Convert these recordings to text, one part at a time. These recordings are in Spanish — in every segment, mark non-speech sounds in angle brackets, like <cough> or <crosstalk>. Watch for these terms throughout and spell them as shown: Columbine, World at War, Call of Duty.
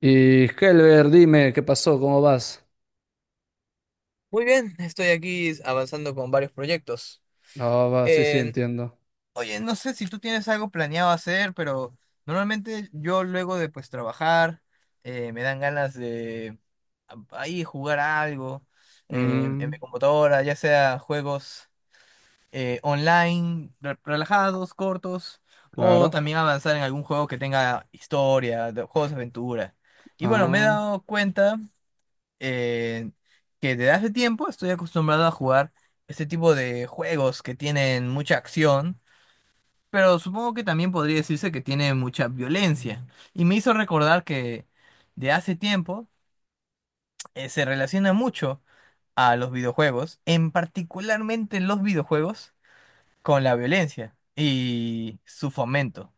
Y Helber, dime, ¿qué pasó? ¿Cómo vas? Muy bien, estoy aquí avanzando con varios proyectos. Ah, va, sí, sí, En- entiendo. Oye, no sé si tú tienes algo planeado hacer, pero normalmente yo luego de pues trabajar me dan ganas de ahí jugar algo en Mm, mi computadora, ya sea juegos online, relajados, cortos, o claro. también avanzar en algún juego que tenga historia, juegos de aventura. Y bueno, me he Ah, dado cuenta eh, que desde hace tiempo estoy acostumbrado a jugar este tipo de juegos que tienen mucha acción, pero supongo que también podría decirse que tiene mucha violencia. Y me hizo recordar que de hace tiempo se relaciona mucho a los videojuegos, en particularmente los videojuegos, con la violencia y su fomento.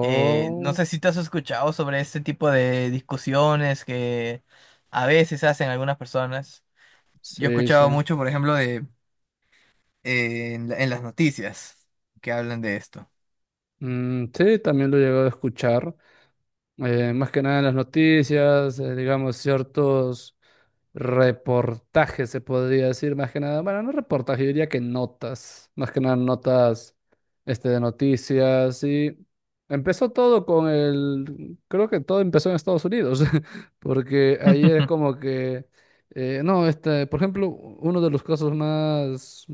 No sé si te has escuchado sobre este tipo de discusiones que a veces hacen algunas personas. Yo he sí, sí. escuchado mucho, por ejemplo, de en las noticias que hablan de esto. Mm, sí, también lo he llegado a escuchar. Más que nada en las noticias, digamos, ciertos reportajes, se podría decir, más que nada, bueno, no reportajes, yo diría que notas, más que nada notas de noticias, y empezó todo con el, creo que todo empezó en Estados Unidos, <laughs> porque ayer es <laughs> como que, no, por ejemplo, uno de los casos más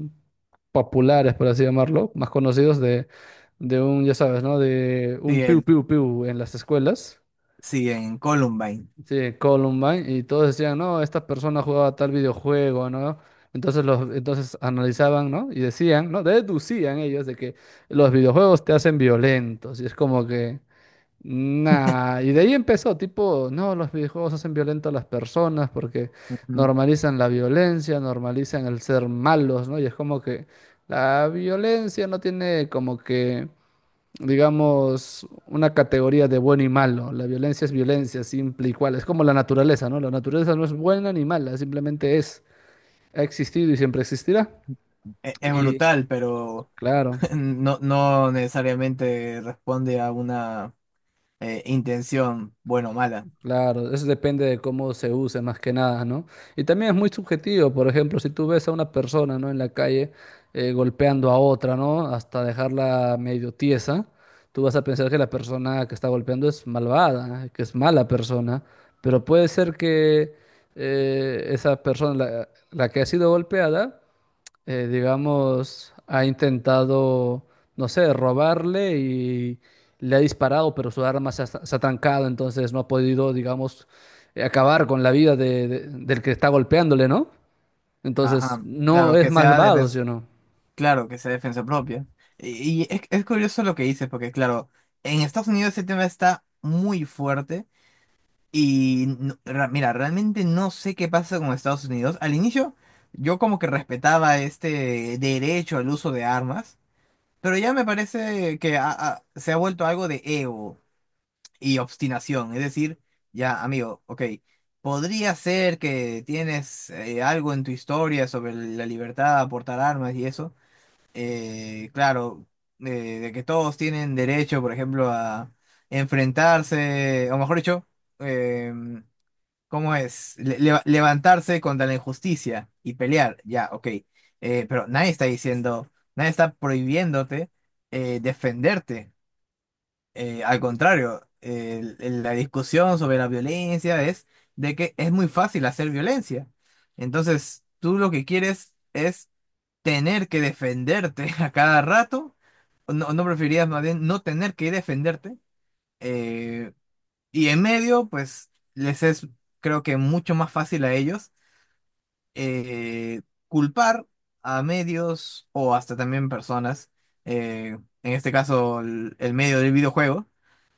populares, por así llamarlo, más conocidos de un, ya sabes, ¿no? De Sí, un piu piu piu en las escuelas. sí, en Columbine. Sí, Columbine, y todos decían, no, esta persona jugaba tal videojuego, ¿no? Entonces, entonces analizaban, ¿no? Y decían, ¿no? Deducían ellos de que los videojuegos te hacen violentos, y es como que, nah, y de ahí empezó, tipo, no, los videojuegos hacen violento a las personas porque Ujú. normalizan la violencia, normalizan el ser malos, ¿no? Y es como que la violencia no tiene como que, digamos, una categoría de bueno y malo. La violencia es violencia, simple y cual. Es como la naturaleza, ¿no? La naturaleza no es buena ni mala, simplemente es, ha existido y siempre existirá. Es Y brutal, pero claro, <laughs> no, no necesariamente responde a una intención buena o mala. claro, eso depende de cómo se use más que nada, ¿no? Y también es muy subjetivo, por ejemplo, si tú ves a una persona, ¿no?, en la calle golpeando a otra, ¿no?, hasta dejarla medio tiesa, tú vas a pensar que la persona que está golpeando es malvada, ¿eh?, que es mala persona, pero puede ser que esa persona, la que ha sido golpeada, digamos, ha intentado, no sé, robarle y le ha disparado, pero su arma se ha trancado, entonces no ha podido, digamos, acabar con la vida del que está golpeándole, ¿no? Entonces, Ajá. no Claro, es que sea malvado, ¿sí defensa, o no? claro, que sea defensa propia. Y es curioso lo que dices, porque claro, en Estados Unidos ese tema está muy fuerte. Y mira, realmente no sé qué pasa con Estados Unidos. Al inicio yo como que respetaba este derecho al uso de armas, pero ya me parece que se ha vuelto algo de ego y obstinación. Es decir, ya amigo, ok, podría ser que tienes algo en tu historia sobre la libertad a portar armas y eso. Claro, eh, de que todos tienen derecho, por ejemplo, a enfrentarse, o mejor dicho, em, ¿cómo es? Levantarse contra la injusticia y pelear, ya, ok. Pero nadie está diciendo, nadie está prohibiéndote defenderte. Al contrario, la discusión sobre la violencia es de que es muy fácil hacer violencia. Entonces, tú lo que quieres es tener que defenderte <laughs> a cada rato. ¿O no, no preferirías más bien no tener que defenderte? eh, y en medio, pues les es, creo que mucho más fácil a ellos eh, culpar a medios o hasta también personas, en este caso el medio del videojuego,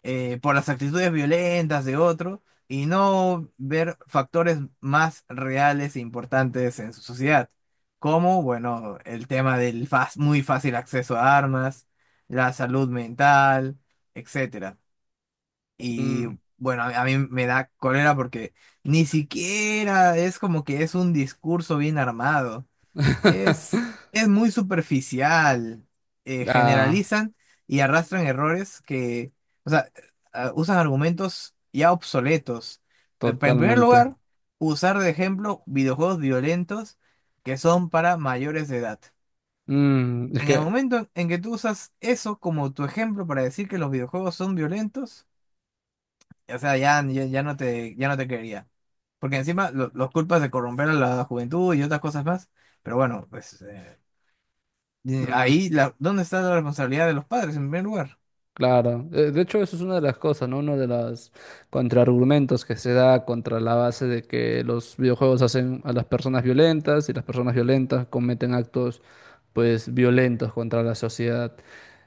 por las actitudes violentas de otro y no ver factores más reales e importantes en su sociedad, como, bueno, el tema del muy fácil acceso a armas, la salud mental, etc. Y Mm. bueno, a mí me da cólera porque ni siquiera es como que es un discurso bien armado. Es, <laughs> es muy superficial. Eh, Ah, generalizan y arrastran errores que, o sea, usan argumentos ya obsoletos. En primer totalmente. lugar, usar de ejemplo videojuegos violentos que son para mayores de edad. Mm, es En el que, momento en que tú usas eso como tu ejemplo para decir que los videojuegos son violentos, o sea, ya, ya, ya no te quería. Porque encima los culpas de corromper a la juventud y otras cosas más. Pero bueno, pues mm. ahí, ¿dónde está la responsabilidad de los padres en primer lugar? Claro. De hecho, eso es una de las cosas, ¿no? Uno de los contraargumentos que se da contra la base de que los videojuegos hacen a las personas violentas, y las personas violentas cometen actos, pues, violentos contra la sociedad.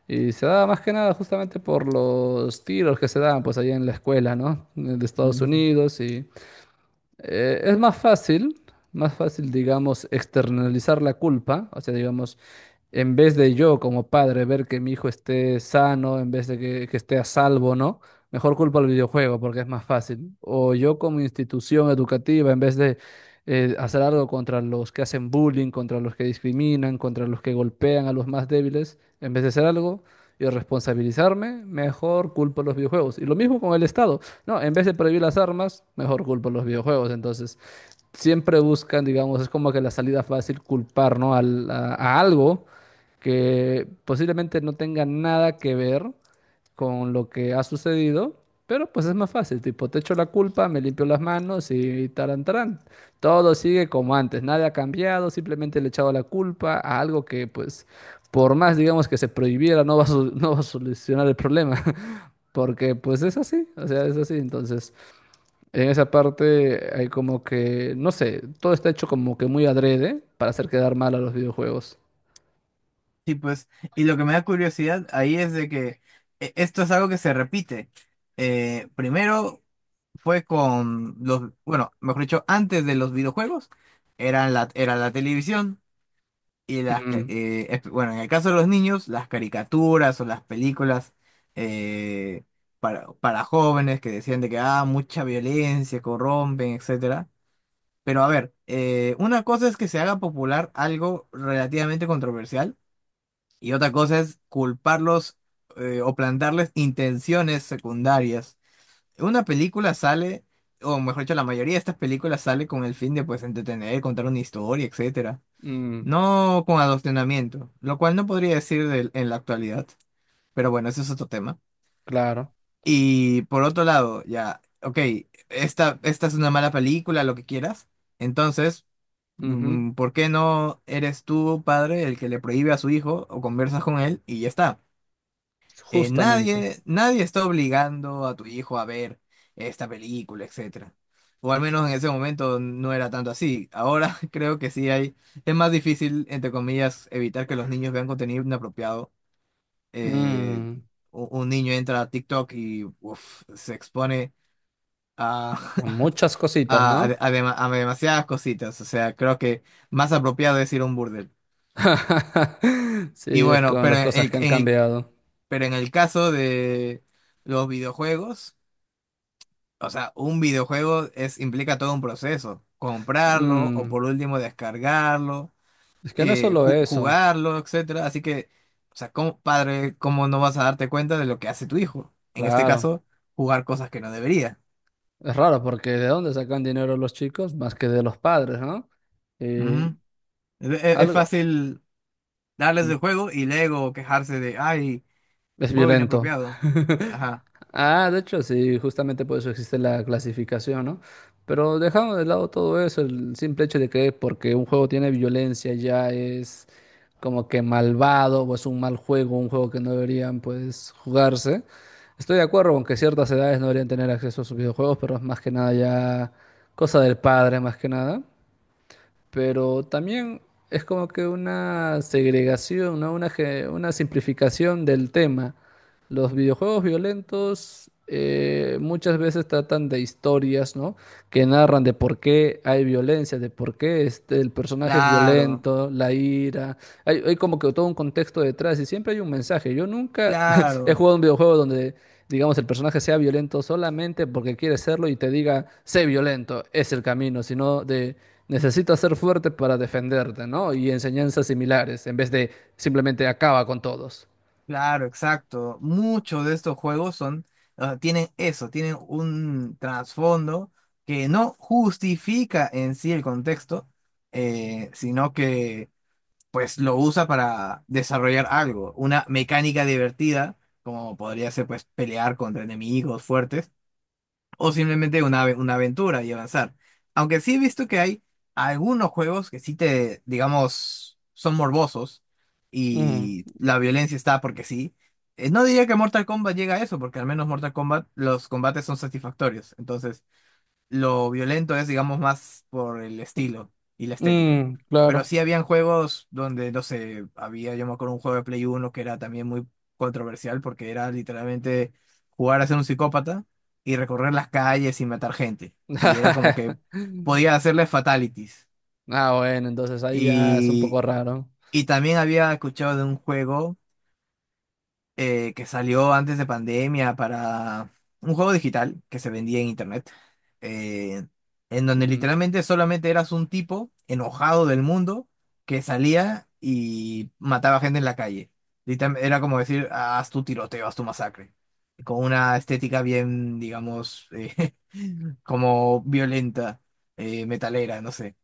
Y se da más que nada justamente por los tiros que se dan, pues, allá en la escuela, ¿no?, de Estados Ujú. Unidos. Y es más fácil, digamos, externalizar la culpa, o sea, digamos, en vez de yo como padre ver que mi hijo esté sano, en vez de que esté a salvo, ¿no? Mejor culpa al videojuego porque es más fácil. O yo como institución educativa, en vez de hacer algo contra los que hacen bullying, contra los que discriminan, contra los que golpean a los más débiles, en vez de hacer algo y responsabilizarme, mejor culpo a los videojuegos. Y lo mismo con el Estado. No, en vez de prohibir las armas, mejor culpa a los videojuegos. Entonces, siempre buscan, digamos, es como que la salida fácil: culpar, ¿no?, a algo que posiblemente no tenga nada que ver con lo que ha sucedido, pero pues es más fácil. Tipo, te echo la culpa, me limpio las manos y tarán, tarán. Todo sigue como antes, nada ha cambiado, simplemente le he echado la culpa a algo que, pues, por más, digamos, que se prohibiera, no va a, sol- <laughs> no va a solucionar el problema. <laughs> Porque pues es así, o sea, es así. Entonces, en esa parte hay como que, no sé, todo está hecho como que muy adrede para hacer quedar mal a los videojuegos. Sí, pues, y lo que me da curiosidad ahí es de que esto es algo que se repite. Primero fue con los, bueno, mejor dicho, antes de los videojuegos, era la televisión. Y las, ca- Mm, eh, es- bueno, en el caso de los niños, las caricaturas o las películas eh, para jóvenes que decían de que, ah, mucha violencia, corrompen, etcétera. Pero a ver, una cosa es que se haga popular algo relativamente controversial y otra cosa es culparlos, o plantarles intenciones secundarias. Una película sale, o mejor dicho, la mayoría de estas películas sale con el fin de, pues, entretener, contar una historia, etcétera, mm, no con adoctrinamiento, lo cual no podría decir en la actualidad, pero bueno, ese es otro tema. claro. Y por otro lado, ya, ok, esta es una mala película, lo que quieras, entonces, Ujú, ¿por qué no eres tú, padre, el que le prohíbe a su hijo o conversas con él y ya está? Eh, justamente. nadie, nadie está obligando a tu hijo a ver esta película, etcétera. O al menos en ese momento no era tanto así. Ahora <laughs> creo que sí hay, es más difícil, entre comillas, evitar que los niños vean contenido inapropiado. Eh, Mm, un niño entra a TikTok y uf, se expone a, muchas <laughs> cositas, a, de- ¿no? a dema- a demasiadas cositas. O sea, creo que más apropiado es ir a un burdel. <laughs> Sí, Y es bueno, con las cosas que han cambiado. pero en el caso de los videojuegos. O sea, un videojuego implica todo un proceso. Comprarlo o Mm, por último descargarlo, es que no es solo eso, jugarlo, etcétera. Así que, o sea, como padre, ¿cómo no vas a darte cuenta de lo que hace tu hijo? En este claro. caso, jugar cosas que no debería. Es raro porque, ¿de dónde sacan dinero los chicos? Más que de los padres, ¿no? Eh, Ujú. Es Algo. fácil darles el juego y luego quejarse de, ay, Es juego violento. inapropiado. <laughs> Ajá. Ah, de hecho, sí, justamente por eso existe la clasificación, ¿no? Pero dejando de lado todo eso, el simple hecho de que, porque un juego tiene violencia, ya es como que malvado o es un mal juego, un juego que no deberían pues jugarse. Estoy de acuerdo con que ciertas edades no deberían tener acceso a sus videojuegos, pero es más que nada ya cosa del padre, más que nada, pero también es como que una segregación, ¿no?, una simplificación del tema. Los videojuegos violentos, muchas veces tratan de historias, ¿no?, que narran de por qué hay violencia, de por qué el personaje es Claro, violento, la ira. Hay como que todo un contexto detrás, y siempre hay un mensaje. Yo nunca <laughs> he claro. jugado un videojuego donde, digamos, el personaje sea violento solamente porque quiere serlo y te diga: sé violento, es el camino, sino de necesitas ser fuerte para defenderte, ¿no?, y enseñanzas similares, en vez de simplemente acaba con todos. Claro, exacto. Muchos de estos juegos son, ah, tienen eso, tienen un trasfondo que no justifica en sí el contexto, sino que pues lo usa para desarrollar algo, una mecánica divertida, como podría ser pues pelear contra enemigos fuertes o simplemente una aventura y avanzar. Aunque sí he visto que hay algunos juegos que sí digamos, son morbosos Mm, y la violencia está porque sí. No diría que Mortal Kombat llega a eso, porque al menos Mortal Kombat los combates son satisfactorios. Entonces, lo violento es, digamos, más por el estilo y la estética. mm, Pero claro. sí habían juegos donde, no sé, había, yo me acuerdo, un juego de Play uno que era también muy controversial porque era literalmente jugar a ser un psicópata y recorrer las calles y matar gente. Y era como que <laughs> podía hacerle fatalities. Ah, bueno, entonces ahí ya es un poco Y, raro. y también había escuchado de un juego que salió antes de pandemia, para un juego digital que se vendía en internet, eh, en donde Ujú, literalmente solamente eras un tipo enojado del mundo que salía y mataba gente en la calle. Era como decir: "Ah, haz tu tiroteo, haz tu masacre", con una estética bien, digamos, <laughs> como violenta, metalera, no sé.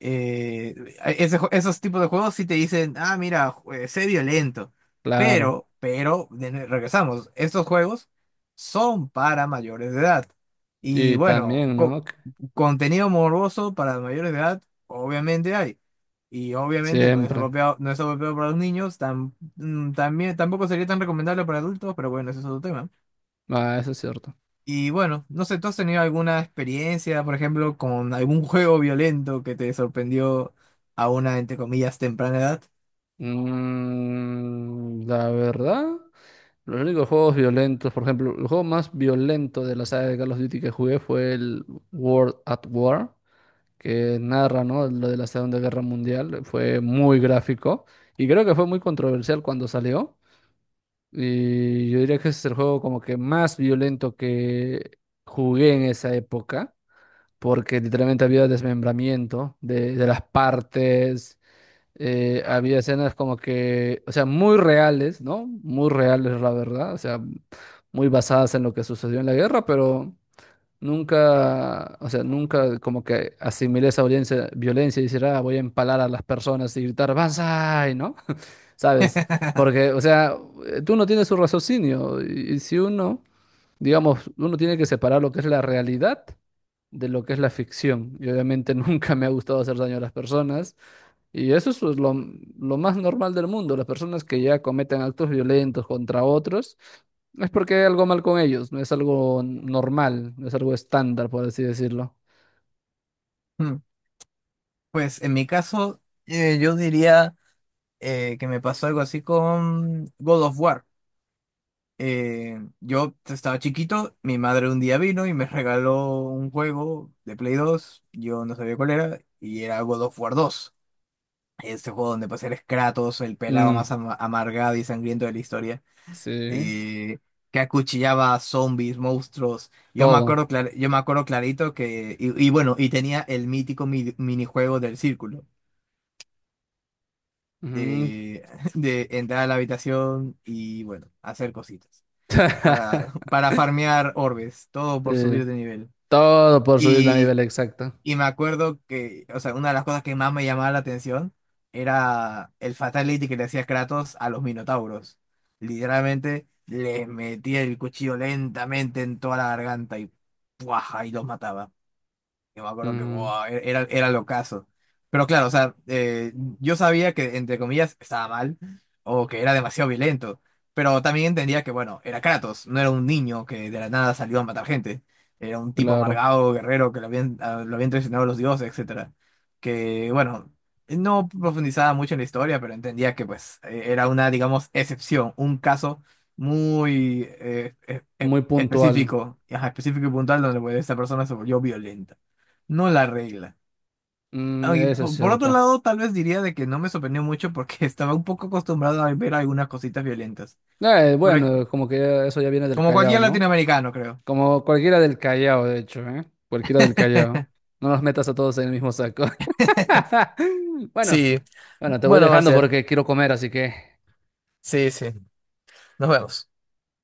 eh, Esos tipos de juegos sí te dicen, ah, mira, sé violento. claro. Pero, regresamos, estos juegos son para mayores de edad. Y Y bueno, también, ¿no?, que contenido morboso para mayores de edad, obviamente hay. Y obviamente no es siempre. apropiado, no es apropiado para los niños, tampoco sería tan recomendable para adultos, pero bueno, ese es otro tema. Ah, eso es cierto. Y bueno, no sé, ¿tú has tenido alguna experiencia, por ejemplo, con algún juego violento que te sorprendió a una, entre comillas, temprana edad? Mm, la verdad, los únicos juegos violentos, por ejemplo, el juego más violento de la saga de Call of Duty que jugué fue el World at War, que narra, ¿no?, lo de la Segunda Guerra Mundial. Fue muy gráfico, y creo que fue muy controversial cuando salió. Y yo diría que ese es el juego como que más violento que jugué en esa época, porque literalmente había desmembramiento de las partes, había escenas como que, o sea, muy reales, ¿no? Muy reales, la verdad, o sea, muy basadas en lo que sucedió en la guerra, pero. Nunca, o sea, nunca como que asimilé esa violencia, violencia, y decir, ah, voy a empalar a las personas y gritar, ¡Banzai! ¿No? <laughs> ¿Sabes? <laughs> Porque, o sea, tú no tienes su raciocinio, y si uno, digamos, uno tiene que separar lo que es la realidad de lo que es la ficción. Y obviamente <laughs> nunca me ha gustado hacer daño a las personas. Y eso es, pues, lo más normal del mundo. Las personas que ya cometen actos violentos contra otros, es porque hay algo mal con ellos, no es algo normal, no es algo estándar, por así decirlo. Hmm, Pues en mi caso, yo diría, que me pasó algo así con God of War. Yo estaba chiquito, mi madre un día vino y me regaló un juego de Play 2, yo no sabía cuál era, y era God of War 2. Este juego donde pasé el Kratos, el pelado más Mm, amargado y sangriento de la historia, sí, eh, que acuchillaba zombies, monstruos. Todo. Yo me acuerdo clarito que, y bueno, y tenía el mítico minijuego del círculo, Ujú. de, <laughs> de entrar a la habitación y bueno, hacer cositas <laughs> <laughs> para farmear orbes, todo por Sí, subir de nivel. todo por subir la nivel, exacto. Y me acuerdo que, o sea, una de las cosas que más me llamaba la atención era el fatality que le hacía Kratos a los Minotauros. Literalmente les metía el cuchillo lentamente en toda la garganta y ¡puaja! Y los mataba. Yo me acuerdo que Ujú, buah, era lo caso. Pero claro, o sea, yo sabía que, entre comillas, estaba mal o que era demasiado violento. Pero también entendía que, bueno, era Kratos, no era un niño que de la nada salió a matar gente. Era un tipo claro, amargado, guerrero, que lo habían traicionado los dioses, etcétera. Que, bueno, no profundizaba mucho en la historia, pero entendía que, pues, era una, digamos, excepción, un caso muy muy puntual. específico, ajá, específico y puntual donde, pues, esta persona se volvió violenta. No la regla. Mm, Ah, y eso es por otro cierto. lado, tal vez diría de que no me sorprendió mucho porque <laughs> estaba un poco acostumbrado a ver algunas cositas violentas. Por ej- Bueno, como que eso ya viene del Como Callao, cualquier ¿no? latinoamericano, creo. Como cualquiera del Callao, de hecho, ¿eh? Cualquiera del Callao. No los metas a todos en el mismo saco. <laughs> <laughs> Bueno, Sí. bueno, te voy Bueno, dejando Marcial. porque quiero comer, así que. Sí, sí. Nos vemos.